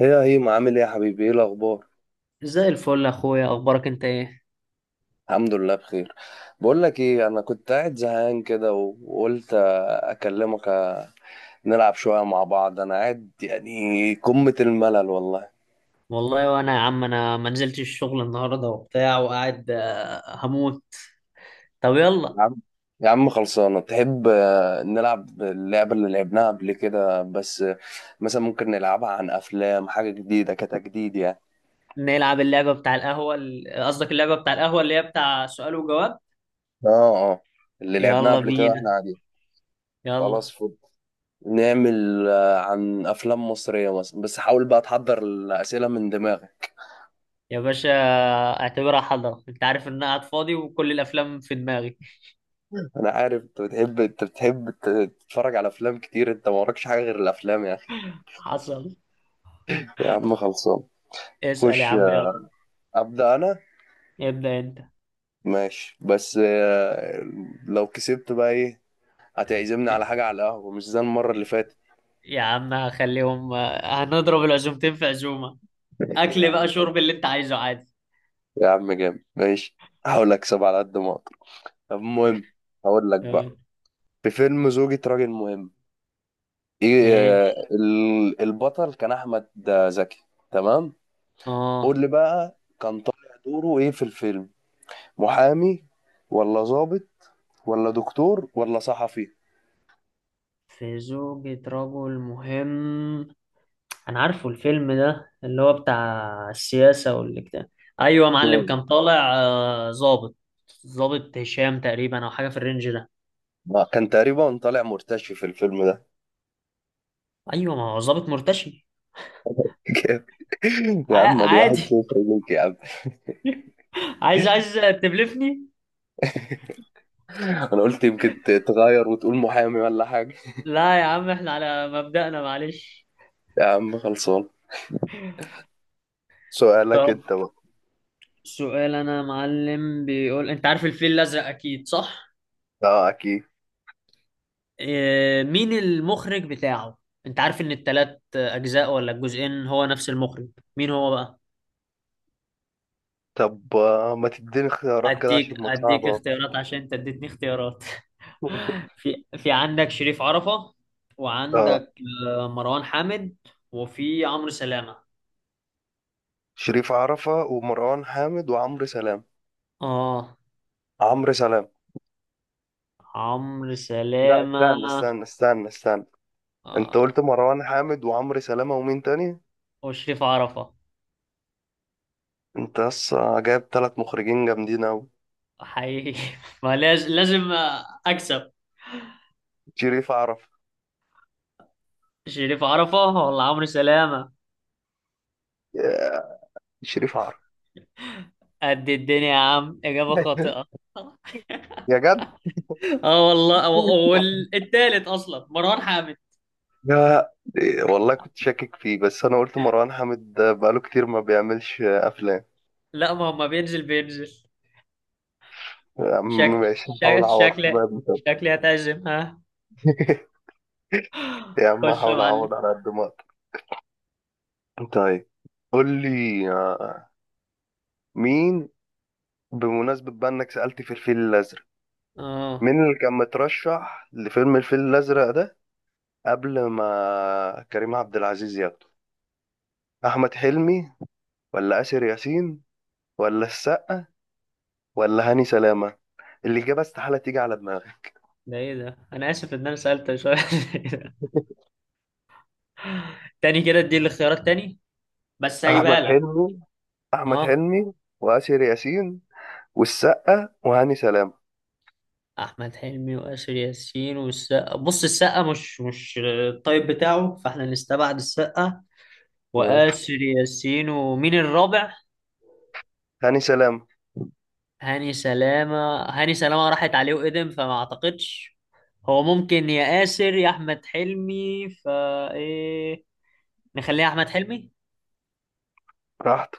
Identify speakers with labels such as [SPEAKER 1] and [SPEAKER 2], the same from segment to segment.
[SPEAKER 1] هي ما عامل ايه يا حبيبي؟ ايه الاخبار؟
[SPEAKER 2] زي الفل يا اخويا، اخبارك انت ايه؟
[SPEAKER 1] الحمد لله بخير. بقول لك ايه، انا كنت قاعد زهقان كده وقلت اكلمك نلعب شويه مع بعض. انا قاعد يعني قمه الملل والله.
[SPEAKER 2] والله وانا يا عم انا ما نزلتش الشغل النهارده وبتاع وقاعد هموت. طب يلا
[SPEAKER 1] يا عم، خلصانه، تحب نلعب اللعبه اللي لعبناها قبل كده؟ بس مثلا ممكن نلعبها عن افلام، حاجه جديده كتجديد يعني.
[SPEAKER 2] نلعب اللعبه بتاع القهوه قصدك اللعبه بتاع القهوه اللي هي بتاع سؤال وجواب.
[SPEAKER 1] اه. اه اللي لعبناها
[SPEAKER 2] يلا
[SPEAKER 1] قبل كده واحنا
[SPEAKER 2] بينا،
[SPEAKER 1] قاعدين. خلاص،
[SPEAKER 2] يلا.
[SPEAKER 1] فل. نعمل عن افلام مصريه مثلا، بس حاول بقى تحضر الاسئله من دماغك.
[SPEAKER 2] يا باشا، اعتبرها حضره، انت عارف ان انا قاعد فاضي وكل الافلام في دماغي.
[SPEAKER 1] انا عارف انت بتحب، تتفرج على افلام كتير، انت ما وراكش حاجه غير الافلام يا اخي.
[SPEAKER 2] حصل.
[SPEAKER 1] يا عم خلصان.
[SPEAKER 2] اسال يا
[SPEAKER 1] خش،
[SPEAKER 2] عم، يلا.
[SPEAKER 1] ابدا انا.
[SPEAKER 2] ابدا انت.
[SPEAKER 1] ماشي بس لو كسبت بقى ايه؟ هتعزمني على حاجه، على القهوه، مش زي المره اللي فاتت.
[SPEAKER 2] يا عم هخليهم هنضرب العزومتين في عزومه.
[SPEAKER 1] يا
[SPEAKER 2] اكل بقى،
[SPEAKER 1] عم،
[SPEAKER 2] شرب اللي انت عايزه عادي.
[SPEAKER 1] جامد. ماشي، هحاول اكسب على قد ما اقدر. طب المهم، هقول لك بقى.
[SPEAKER 2] آه،
[SPEAKER 1] في فيلم زوجة راجل مهم، ايه
[SPEAKER 2] ماشي.
[SPEAKER 1] البطل كان احمد زكي. تمام. قول
[SPEAKER 2] اه.
[SPEAKER 1] لي بقى كان طالع دوره ايه في الفيلم؟ محامي، ولا ضابط، ولا دكتور، ولا صحفي؟
[SPEAKER 2] في زوجة رجل مهم. أنا عارفه الفيلم ده اللي هو بتاع السياسة والاجتماع. أيوة يا معلم،
[SPEAKER 1] مم.
[SPEAKER 2] كان طالع ظابط هشام تقريبا أو حاجة في الرينج ده.
[SPEAKER 1] كان تقريبا طالع مرتشي في الفيلم ده.
[SPEAKER 2] أيوة، ما هو ظابط مرتشي.
[SPEAKER 1] جامد. يا عم، دي واحد
[SPEAKER 2] عادي.
[SPEAKER 1] صفر ليك يا عم.
[SPEAKER 2] عايز تبلفني.
[SPEAKER 1] انا قلت يمكن تغير وتقول محامي ولا حاجة.
[SPEAKER 2] لا يا عم، احنا على مبدأنا معلش.
[SPEAKER 1] يا عم خلصان،
[SPEAKER 2] طب،
[SPEAKER 1] سؤالك انت بقى.
[SPEAKER 2] سؤال أنا يا معلم بيقول: أنت عارف الفيل الأزرق أكيد صح؟
[SPEAKER 1] اه اكيد.
[SPEAKER 2] مين المخرج بتاعه؟ انت عارف ان التلات اجزاء ولا الجزئين هو نفس المخرج؟ مين هو بقى؟
[SPEAKER 1] طب ما تديني اختيارات كده
[SPEAKER 2] اديك
[SPEAKER 1] عشان ما
[SPEAKER 2] اديك
[SPEAKER 1] تصعبها.
[SPEAKER 2] اختيارات عشان انت اديتني اختيارات. في عندك شريف عرفة،
[SPEAKER 1] اه.
[SPEAKER 2] وعندك مروان حامد، وفي عمرو سلامة.
[SPEAKER 1] شريف عرفة ومروان حامد وعمرو سلام.
[SPEAKER 2] اه.
[SPEAKER 1] عمرو سلام.
[SPEAKER 2] عمرو
[SPEAKER 1] لا،
[SPEAKER 2] سلامة.
[SPEAKER 1] استنى، انت قلت
[SPEAKER 2] آه،
[SPEAKER 1] مروان حامد وعمرو سلامة ومين تاني؟
[SPEAKER 2] وشريف عرفة.
[SPEAKER 1] انت بس جايب ثلاث مخرجين جامدين اوي.
[SPEAKER 2] حقيقي. ما لازم اكسب.
[SPEAKER 1] شريف عرف.
[SPEAKER 2] شريف عرفة ولا عمرو سلامة؟
[SPEAKER 1] يا- شريف عرف.
[SPEAKER 2] قد الدنيا يا عم، إجابة خاطئة.
[SPEAKER 1] يا جد،
[SPEAKER 2] اه والله، والتالت اصلا مروان حامد.
[SPEAKER 1] يا والله كنت شاكك فيه، بس انا قلت مروان حامد ده بقاله كتير ما بيعملش افلام.
[SPEAKER 2] لا، ما هو ما بينزل بينزل.
[SPEAKER 1] يا عم
[SPEAKER 2] شكل
[SPEAKER 1] ماشي، هحاول
[SPEAKER 2] شكل
[SPEAKER 1] اعوض
[SPEAKER 2] شكل
[SPEAKER 1] بقى بكده.
[SPEAKER 2] شكلي هتعزم، ها؟
[SPEAKER 1] يا عم،
[SPEAKER 2] خش يا
[SPEAKER 1] هحاول
[SPEAKER 2] معلم.
[SPEAKER 1] اعوض على قد ما اقدر. طيب، قول لي مين، بمناسبة بقى انك سألت في الفيل الازرق،
[SPEAKER 2] اه.
[SPEAKER 1] مين اللي كان مترشح لفيلم الفيل الازرق ده قبل ما كريم عبد العزيز ياخده؟ احمد حلمي، ولا آسر ياسين، ولا السقا، ولا هاني سلامة؟ الإجابة استحالة تيجي على دماغي.
[SPEAKER 2] ده ايه ده؟ انا اسف ان انا سالت شويه. تاني كده، ادي الاختيارات تاني، بس
[SPEAKER 1] احمد
[SPEAKER 2] هجيبها لك.
[SPEAKER 1] حلمي. احمد
[SPEAKER 2] اه.
[SPEAKER 1] حلمي وآسر ياسين والسقا وهاني سلامة.
[SPEAKER 2] احمد حلمي واسر ياسين والسقا. بص، السقا مش الطيب بتاعه، فاحنا نستبعد السقا.
[SPEAKER 1] تمام.
[SPEAKER 2] واسر ياسين، ومين الرابع؟
[SPEAKER 1] هاني سلامة
[SPEAKER 2] هاني سلامة هاني سلامة راحت عليه وقدم فما اعتقدش. هو ممكن يا ياسر يا احمد حلمي. ايه. نخليها احمد حلمي.
[SPEAKER 1] راحت.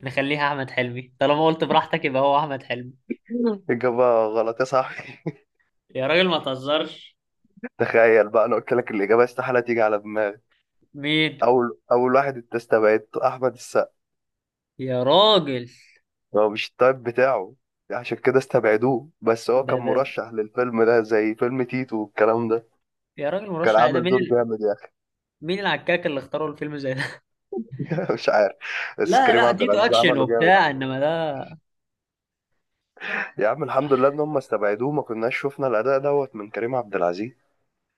[SPEAKER 2] نخليها احمد حلمي طالما قلت براحتك يبقى هو احمد حلمي.
[SPEAKER 1] مم. إجابة غلط يا صاحبي.
[SPEAKER 2] يا راجل ما تهزرش.
[SPEAKER 1] تخيل بقى، أنا قلت لك الإجابة استحالة تيجي على دماغي.
[SPEAKER 2] مين؟
[SPEAKER 1] أول واحد أنت استبعدته أحمد السقا،
[SPEAKER 2] يا راجل.
[SPEAKER 1] هو مش التايب بتاعه، عشان كده استبعدوه، بس هو
[SPEAKER 2] ده
[SPEAKER 1] كان
[SPEAKER 2] ده
[SPEAKER 1] مرشح للفيلم ده زي فيلم تيتو والكلام ده.
[SPEAKER 2] يا راجل،
[SPEAKER 1] كان
[SPEAKER 2] مرشح عادي، ده
[SPEAKER 1] عامل
[SPEAKER 2] مين
[SPEAKER 1] دور جامد يعني.
[SPEAKER 2] مين العكاك اللي اختاروا الفيلم زي ده؟
[SPEAKER 1] مش عارف، بس
[SPEAKER 2] لا،
[SPEAKER 1] كريم
[SPEAKER 2] لا،
[SPEAKER 1] عبد
[SPEAKER 2] ديتو
[SPEAKER 1] العزيز
[SPEAKER 2] اكشن
[SPEAKER 1] عمله جامد.
[SPEAKER 2] وبتاع، انما ده.
[SPEAKER 1] يا عم الحمد لله ان هم استبعدوه، ما كناش شفنا الاداء دوت من كريم عبد العزيز.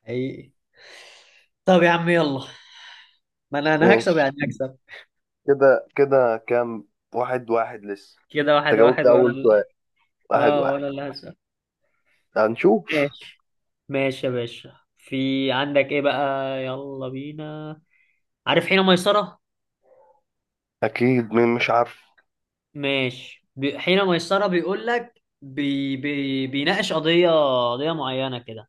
[SPEAKER 2] حقيقي. طب يا عم، يلا. ما انا هكسب
[SPEAKER 1] ماشي.
[SPEAKER 2] يعني هكسب.
[SPEAKER 1] كده كده كام؟ واحد واحد لسه؟
[SPEAKER 2] كده
[SPEAKER 1] انت
[SPEAKER 2] واحد
[SPEAKER 1] جاوبت
[SPEAKER 2] واحد، وانا
[SPEAKER 1] اول سؤال. واحد
[SPEAKER 2] اه
[SPEAKER 1] واحد.
[SPEAKER 2] وانا اللي هكسب.
[SPEAKER 1] هنشوف.
[SPEAKER 2] ماشي يا باشا، في عندك ايه بقى؟ يلا بينا. عارف حين ميسرة؟
[SPEAKER 1] اكيد، مين مش عارف.
[SPEAKER 2] ماشي. حين ميسرة بيقول لك بيناقش قضية. قضية معينة كده.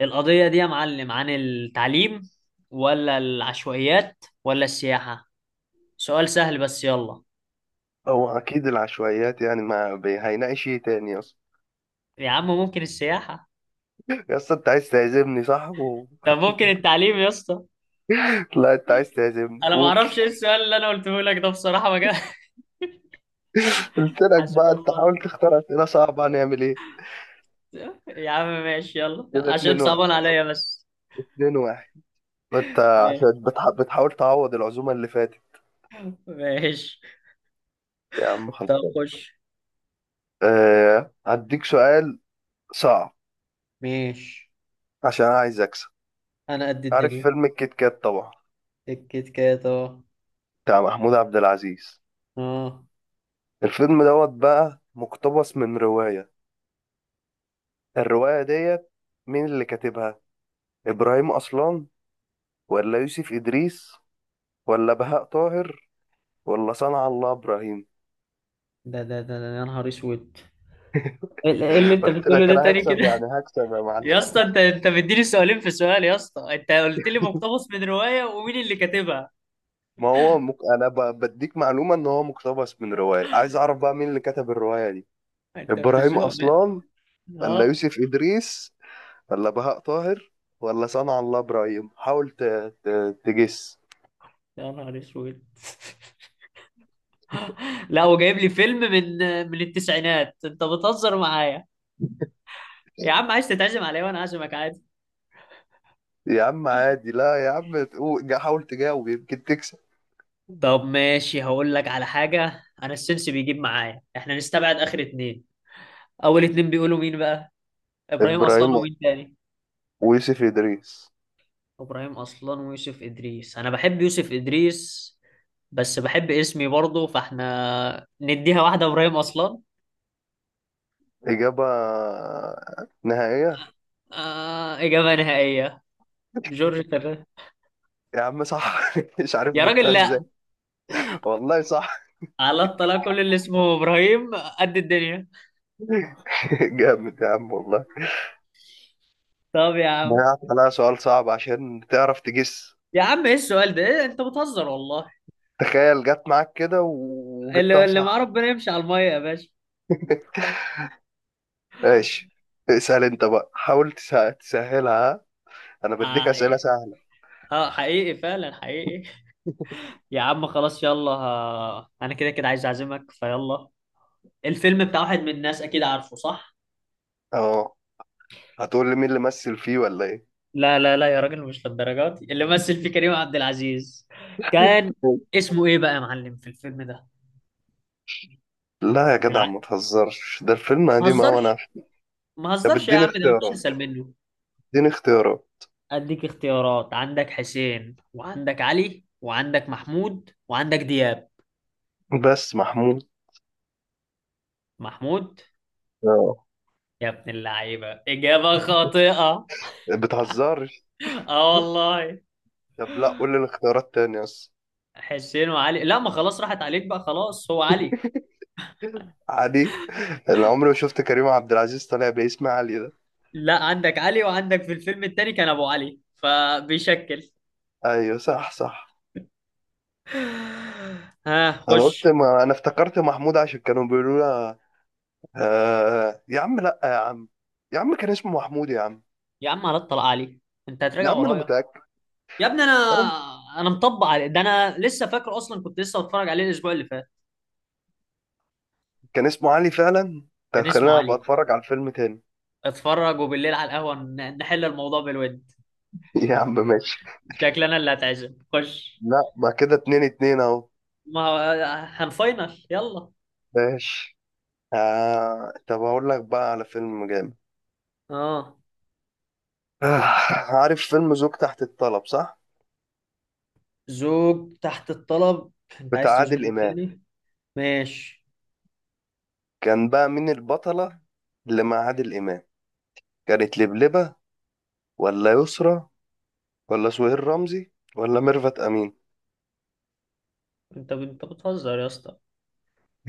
[SPEAKER 2] القضية دي يا معلم عن التعليم، ولا العشوائيات، ولا السياحة؟ سؤال سهل بس، يلا.
[SPEAKER 1] او اكيد العشوائيات يعني، ما بي... هيناقش ايه تاني اصلا؟
[SPEAKER 2] يا عم ممكن السياحة؟
[SPEAKER 1] يا اسطى انت عايز تعزمني صح
[SPEAKER 2] طب ممكن التعليم يا اسطى؟
[SPEAKER 1] لا انت عايز تعزمني،
[SPEAKER 2] انا ما
[SPEAKER 1] قول.
[SPEAKER 2] اعرفش ايه السؤال اللي انا قلته لك ده بصراحة، ما جا-
[SPEAKER 1] قلت لك
[SPEAKER 2] حسبي
[SPEAKER 1] بقى انت
[SPEAKER 2] الله.
[SPEAKER 1] حاول تختار اسئله صعبه، هنعمل ايه؟
[SPEAKER 2] يا عم ماشي، يلا
[SPEAKER 1] كده
[SPEAKER 2] عشان
[SPEAKER 1] اتنين واحد.
[SPEAKER 2] صعبان عليا بس.
[SPEAKER 1] اتنين واحد انت، عشان بتحاول تعوض العزومه اللي فاتت.
[SPEAKER 2] ماشي.
[SPEAKER 1] يا عم
[SPEAKER 2] طب
[SPEAKER 1] خلصان.
[SPEAKER 2] خش.
[SPEAKER 1] هديك سؤال صعب
[SPEAKER 2] ماشي،
[SPEAKER 1] عشان أنا عايز اكسب.
[SPEAKER 2] انا قد
[SPEAKER 1] عارف
[SPEAKER 2] الدنيا.
[SPEAKER 1] فيلم الكيت كات طبعا،
[SPEAKER 2] الكيت كات، اه.
[SPEAKER 1] بتاع محمود عبد العزيز.
[SPEAKER 2] اه.
[SPEAKER 1] الفيلم دوت بقى مقتبس من روايه، الروايه ديت مين اللي كاتبها؟ ابراهيم اصلان، ولا يوسف ادريس، ولا بهاء طاهر، ولا صنع الله ابراهيم؟
[SPEAKER 2] يا نهار اسود. ايه اللي انت
[SPEAKER 1] قلت
[SPEAKER 2] بتقوله
[SPEAKER 1] لك
[SPEAKER 2] ده
[SPEAKER 1] انا
[SPEAKER 2] تاني كده؟
[SPEAKER 1] هكسب يعني هكسب يا معلم.
[SPEAKER 2] يا اسطى، انت مديني سؤالين في سؤال. يا اسطى، انت قلت لي مقتبس من رواية ومين اللي كاتبها.
[SPEAKER 1] ما هو مك... انا ب... بديك معلومه ان هو مقتبس من روايه، عايز اعرف بقى مين اللي كتب الروايه دي.
[SPEAKER 2] انت
[SPEAKER 1] ابراهيم
[SPEAKER 2] بتزنق، لا.
[SPEAKER 1] اصلان، ولا
[SPEAKER 2] اه.
[SPEAKER 1] يوسف ادريس، ولا بهاء طاهر، ولا صنع الله ابراهيم. حاول ت... تجس.
[SPEAKER 2] يا نهار اسود. لا، وجايب لي فيلم من التسعينات، انت بتهزر معايا. يا عم عايز تتعزم عليا وانا عازمك عادي.
[SPEAKER 1] يا عم عادي، لا يا عم، حاول تجاوب يمكن تكسب.
[SPEAKER 2] طب ماشي، هقول لك على حاجة، أنا السنس بيجيب معايا، إحنا نستبعد آخر اتنين. أول اتنين بيقولوا مين بقى؟ إبراهيم
[SPEAKER 1] ابراهيم
[SPEAKER 2] أصلان ومين تاني؟
[SPEAKER 1] ويوسف ادريس.
[SPEAKER 2] إبراهيم أصلان ويوسف إدريس. أنا بحب يوسف إدريس، بس بحب اسمي برضه، فإحنا نديها واحدة إبراهيم أصلان.
[SPEAKER 1] اجابه نهائيه.
[SPEAKER 2] آه، إجابة نهائية. جورج فرنانديز.
[SPEAKER 1] يا عم صح. مش عارف
[SPEAKER 2] يا
[SPEAKER 1] جبتها
[SPEAKER 2] راجل
[SPEAKER 1] ازاي.
[SPEAKER 2] لأ.
[SPEAKER 1] والله صح.
[SPEAKER 2] على الطلاق، كل اللي اسمه إبراهيم قد الدنيا.
[SPEAKER 1] جامد يا عم والله.
[SPEAKER 2] طب يا عم.
[SPEAKER 1] ضيعت عليها سؤال صعب عشان تعرف تجس.
[SPEAKER 2] يا عم إيه السؤال ده؟ إيه، أنت بتهزر والله.
[SPEAKER 1] تخيل جت معاك كده وجبتها
[SPEAKER 2] اللي مع
[SPEAKER 1] صح.
[SPEAKER 2] ربنا يمشي على المية يا باشا.
[SPEAKER 1] ماشي. اسأل انت بقى، حاول تسهلها، ها؟ انا بديك
[SPEAKER 2] آه.
[SPEAKER 1] اسئلة سهلة.
[SPEAKER 2] اه، حقيقي فعلا، حقيقي. يا عم خلاص، يلا. انا كده كده عايز اعزمك، فيلا. الفيلم بتاع واحد من الناس، اكيد عارفه صح؟
[SPEAKER 1] اه. هتقول لي مين اللي مثل فيه ولا ايه؟
[SPEAKER 2] لا، لا، لا، يا راجل مش للدرجات دي. اللي مثل فيه كريم عبد العزيز. كان. اسمه ايه بقى يا معلم في الفيلم ده؟
[SPEAKER 1] لا يا
[SPEAKER 2] كان
[SPEAKER 1] جدع ما تهزرش، ده الفيلم
[SPEAKER 2] ما
[SPEAKER 1] قديم اوي، انا
[SPEAKER 2] هزرش.
[SPEAKER 1] عارف.
[SPEAKER 2] ما
[SPEAKER 1] طب
[SPEAKER 2] هزرش يا
[SPEAKER 1] اديني
[SPEAKER 2] عم، ده مفيش
[SPEAKER 1] اختيارات،
[SPEAKER 2] اسهل منه.
[SPEAKER 1] اديني اختيارات
[SPEAKER 2] اديك اختيارات، عندك حسين، وعندك علي، وعندك محمود، وعندك دياب.
[SPEAKER 1] بس. محمود.
[SPEAKER 2] محمود.
[SPEAKER 1] اه.
[SPEAKER 2] يا ابن اللعيبة، إجابة خاطئة.
[SPEAKER 1] بتهزرش.
[SPEAKER 2] اه والله.
[SPEAKER 1] طب لا، قول لي الاختيارات تاني بس.
[SPEAKER 2] حسين وعلي. لا، ما خلاص، راحت عليك بقى، خلاص هو علي.
[SPEAKER 1] عادي، انا عمري ما شفت كريم عبد العزيز طالع باسم علي ده.
[SPEAKER 2] لا، عندك علي، وعندك في الفيلم التاني كان ابو علي فبيشكل.
[SPEAKER 1] ايوه صح،
[SPEAKER 2] ها،
[SPEAKER 1] انا قلت،
[SPEAKER 2] خش.
[SPEAKER 1] ما انا افتكرت محمود عشان كانوا بيقولوا لها يا عم لا يا عم، كان اسمه محمود يا عم.
[SPEAKER 2] يا عم على الطلاق علي. انت
[SPEAKER 1] يا
[SPEAKER 2] هتراجع
[SPEAKER 1] عم انا
[SPEAKER 2] ورايا.
[SPEAKER 1] متاكد.
[SPEAKER 2] يا ابني، انا.
[SPEAKER 1] أنا...
[SPEAKER 2] انا مطبق علي ده، انا لسه فاكر، اصلا كنت لسه بتفرج عليه الاسبوع اللي فات.
[SPEAKER 1] كان اسمه علي فعلا، انت
[SPEAKER 2] كان
[SPEAKER 1] هتخليني
[SPEAKER 2] اسمه
[SPEAKER 1] ابقى
[SPEAKER 2] علي.
[SPEAKER 1] اتفرج على الفيلم تاني.
[SPEAKER 2] اتفرج، وبالليل على القهوه نحل الموضوع بالود.
[SPEAKER 1] يا عم ماشي.
[SPEAKER 2] شكلنا اللي هتعزم، خش.
[SPEAKER 1] لا ما كده اتنين اتنين اهو.
[SPEAKER 2] ما هو. هنفاينل، يلا.
[SPEAKER 1] ماشي. طب اقول لك بقى على فيلم جامد.
[SPEAKER 2] اه.
[SPEAKER 1] آه... عارف فيلم زوج تحت الطلب صح؟
[SPEAKER 2] زوج تحت الطلب. انت
[SPEAKER 1] بتاع
[SPEAKER 2] عايز
[SPEAKER 1] عادل
[SPEAKER 2] تزنقني
[SPEAKER 1] امام.
[SPEAKER 2] تاني؟ ماشي.
[SPEAKER 1] كان بقى مين البطله اللي مع عادل امام؟ كانت لبلبه، ولا يسرى، ولا سهير رمزي، ولا ميرفت امين؟
[SPEAKER 2] انت بتهزر يا اسطى.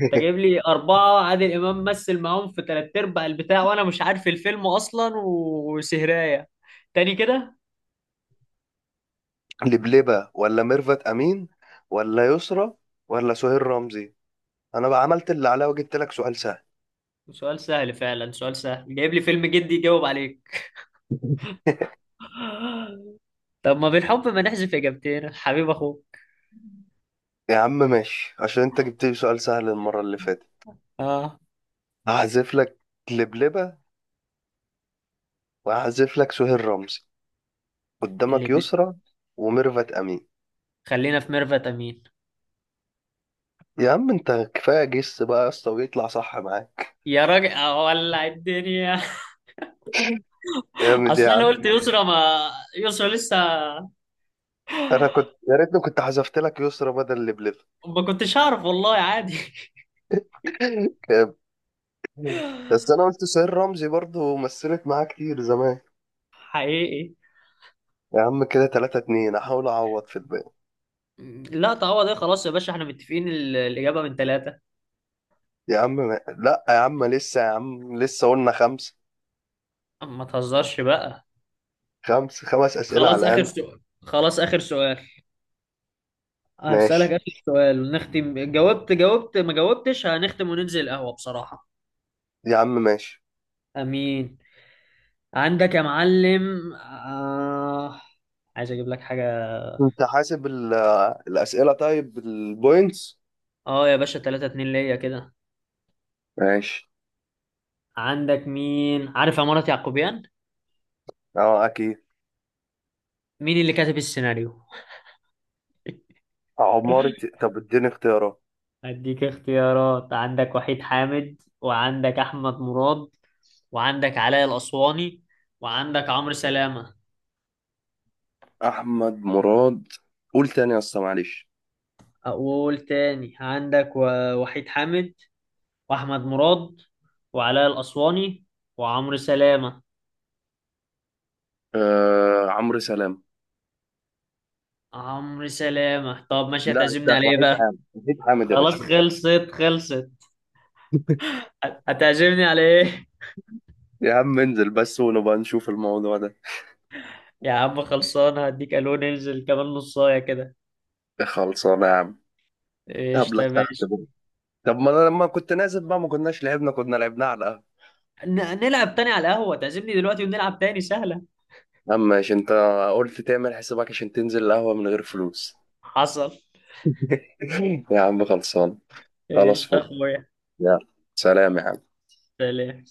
[SPEAKER 2] انت جايب لي أربعة عادل إمام مثل معاهم في تلات أرباع البتاع، وأنا مش عارف الفيلم أصلا وسهراية. تاني كده.
[SPEAKER 1] لبلبة، ولا ميرفت أمين، ولا يسرى، ولا سهير رمزي؟ أنا بقى عملت اللي عليا وجبت لك سؤال سهل.
[SPEAKER 2] سؤال سهل فعلا، سؤال سهل جايب لي فيلم جدي يجاوب عليك. طب ما بالحب، ما نحذف إجابتين حبيب أخوك.
[SPEAKER 1] يا عم ماشي، عشان أنت جبت لي سؤال سهل المرة اللي فاتت
[SPEAKER 2] اه.
[SPEAKER 1] هحذف لك لبلبة، وهحذف لك سهير رمزي. قدامك
[SPEAKER 2] اللي بي...
[SPEAKER 1] يسرى وميرفت أمين.
[SPEAKER 2] خلينا في ميرفت أمين.
[SPEAKER 1] يا عم أنت كفاية جس بقى يا اسطى ويطلع صح معاك.
[SPEAKER 2] يا راجل أولع الدنيا!
[SPEAKER 1] جامد يا
[SPEAKER 2] أصلا أنا
[SPEAKER 1] عم.
[SPEAKER 2] قلت يسرا، ما يسرا لسه.
[SPEAKER 1] أنا كنت، يا ريتني كنت حذفت لك يسرى بدل لبلبة.
[SPEAKER 2] ما كنتش هعرف والله، عادي.
[SPEAKER 1] جامد. بس أنا قلت سهير رمزي برضه مثلت معاه كتير زمان.
[SPEAKER 2] حقيقي.
[SPEAKER 1] يا عم كده 3-2، احاول اعوض في الباقي.
[SPEAKER 2] لا، تعوض ايه؟ خلاص يا باشا، احنا متفقين الإجابة من ثلاثة.
[SPEAKER 1] يا عم ما... لا يا عم لسه، يا عم لسه، قلنا خمسة.
[SPEAKER 2] ما تهزرش بقى.
[SPEAKER 1] خمس أسئلة على
[SPEAKER 2] خلاص آخر
[SPEAKER 1] الأقل.
[SPEAKER 2] سؤال، خلاص آخر سؤال. هسألك
[SPEAKER 1] ماشي.
[SPEAKER 2] آخر سؤال نختم، جاوبت ما جاوبتش هنختم وننزل القهوة بصراحة.
[SPEAKER 1] يا عم ماشي.
[SPEAKER 2] أمين. عندك يا معلم عايز أجيب لك حاجة.
[SPEAKER 1] انت حاسب الأسئلة طيب بالبوينتس؟
[SPEAKER 2] اه يا باشا، 3 2 ليا كده.
[SPEAKER 1] ماشي.
[SPEAKER 2] عندك، مين عارف عمارة يعقوبيان؟
[SPEAKER 1] اه اكيد.
[SPEAKER 2] مين اللي كاتب السيناريو؟
[SPEAKER 1] عمارة. طب اديني اختيارات.
[SPEAKER 2] أديك اختيارات، عندك وحيد حامد، وعندك أحمد مراد، وعندك علاء الأسواني، وعندك عمرو سلامة.
[SPEAKER 1] احمد مراد. قول تاني يا اسطى معلش.
[SPEAKER 2] أقول تاني، عندك وحيد حامد، وأحمد مراد، وعلاء الأسواني، وعمرو سلامة.
[SPEAKER 1] عمرو سلام.
[SPEAKER 2] عمرو سلامة. طب ماشي،
[SPEAKER 1] لا أنت،
[SPEAKER 2] هتعزمني على إيه
[SPEAKER 1] وحيد
[SPEAKER 2] بقى؟
[SPEAKER 1] حامد، يا
[SPEAKER 2] خلاص،
[SPEAKER 1] باشا.
[SPEAKER 2] خلصت خلصت. هتعزمني على إيه؟
[SPEAKER 1] يا عم انزل بس ونبقى نشوف الموضوع ده.
[SPEAKER 2] يا عم خلصان، هديك ألو، ننزل كمان نصاية كده.
[SPEAKER 1] خلصانة يا عم.
[SPEAKER 2] إيش،
[SPEAKER 1] قبلك
[SPEAKER 2] طيب
[SPEAKER 1] تحت.
[SPEAKER 2] إيش.
[SPEAKER 1] طب ما انا لما كنت نازل بقى ما كناش لعبنا، كنا لعبناه على القهوة.
[SPEAKER 2] ن- نلعب تاني على القهوة، تعزمني دلوقتي ونلعب تاني سهلة.
[SPEAKER 1] اما عشان انت قلت تعمل حسابك عشان تنزل القهوة من غير فلوس.
[SPEAKER 2] حصل.
[SPEAKER 1] يا عم خلصان. خلاص
[SPEAKER 2] ايش
[SPEAKER 1] فل.
[SPEAKER 2] اخويا.
[SPEAKER 1] يلا، سلام يا عم.
[SPEAKER 2] سلام.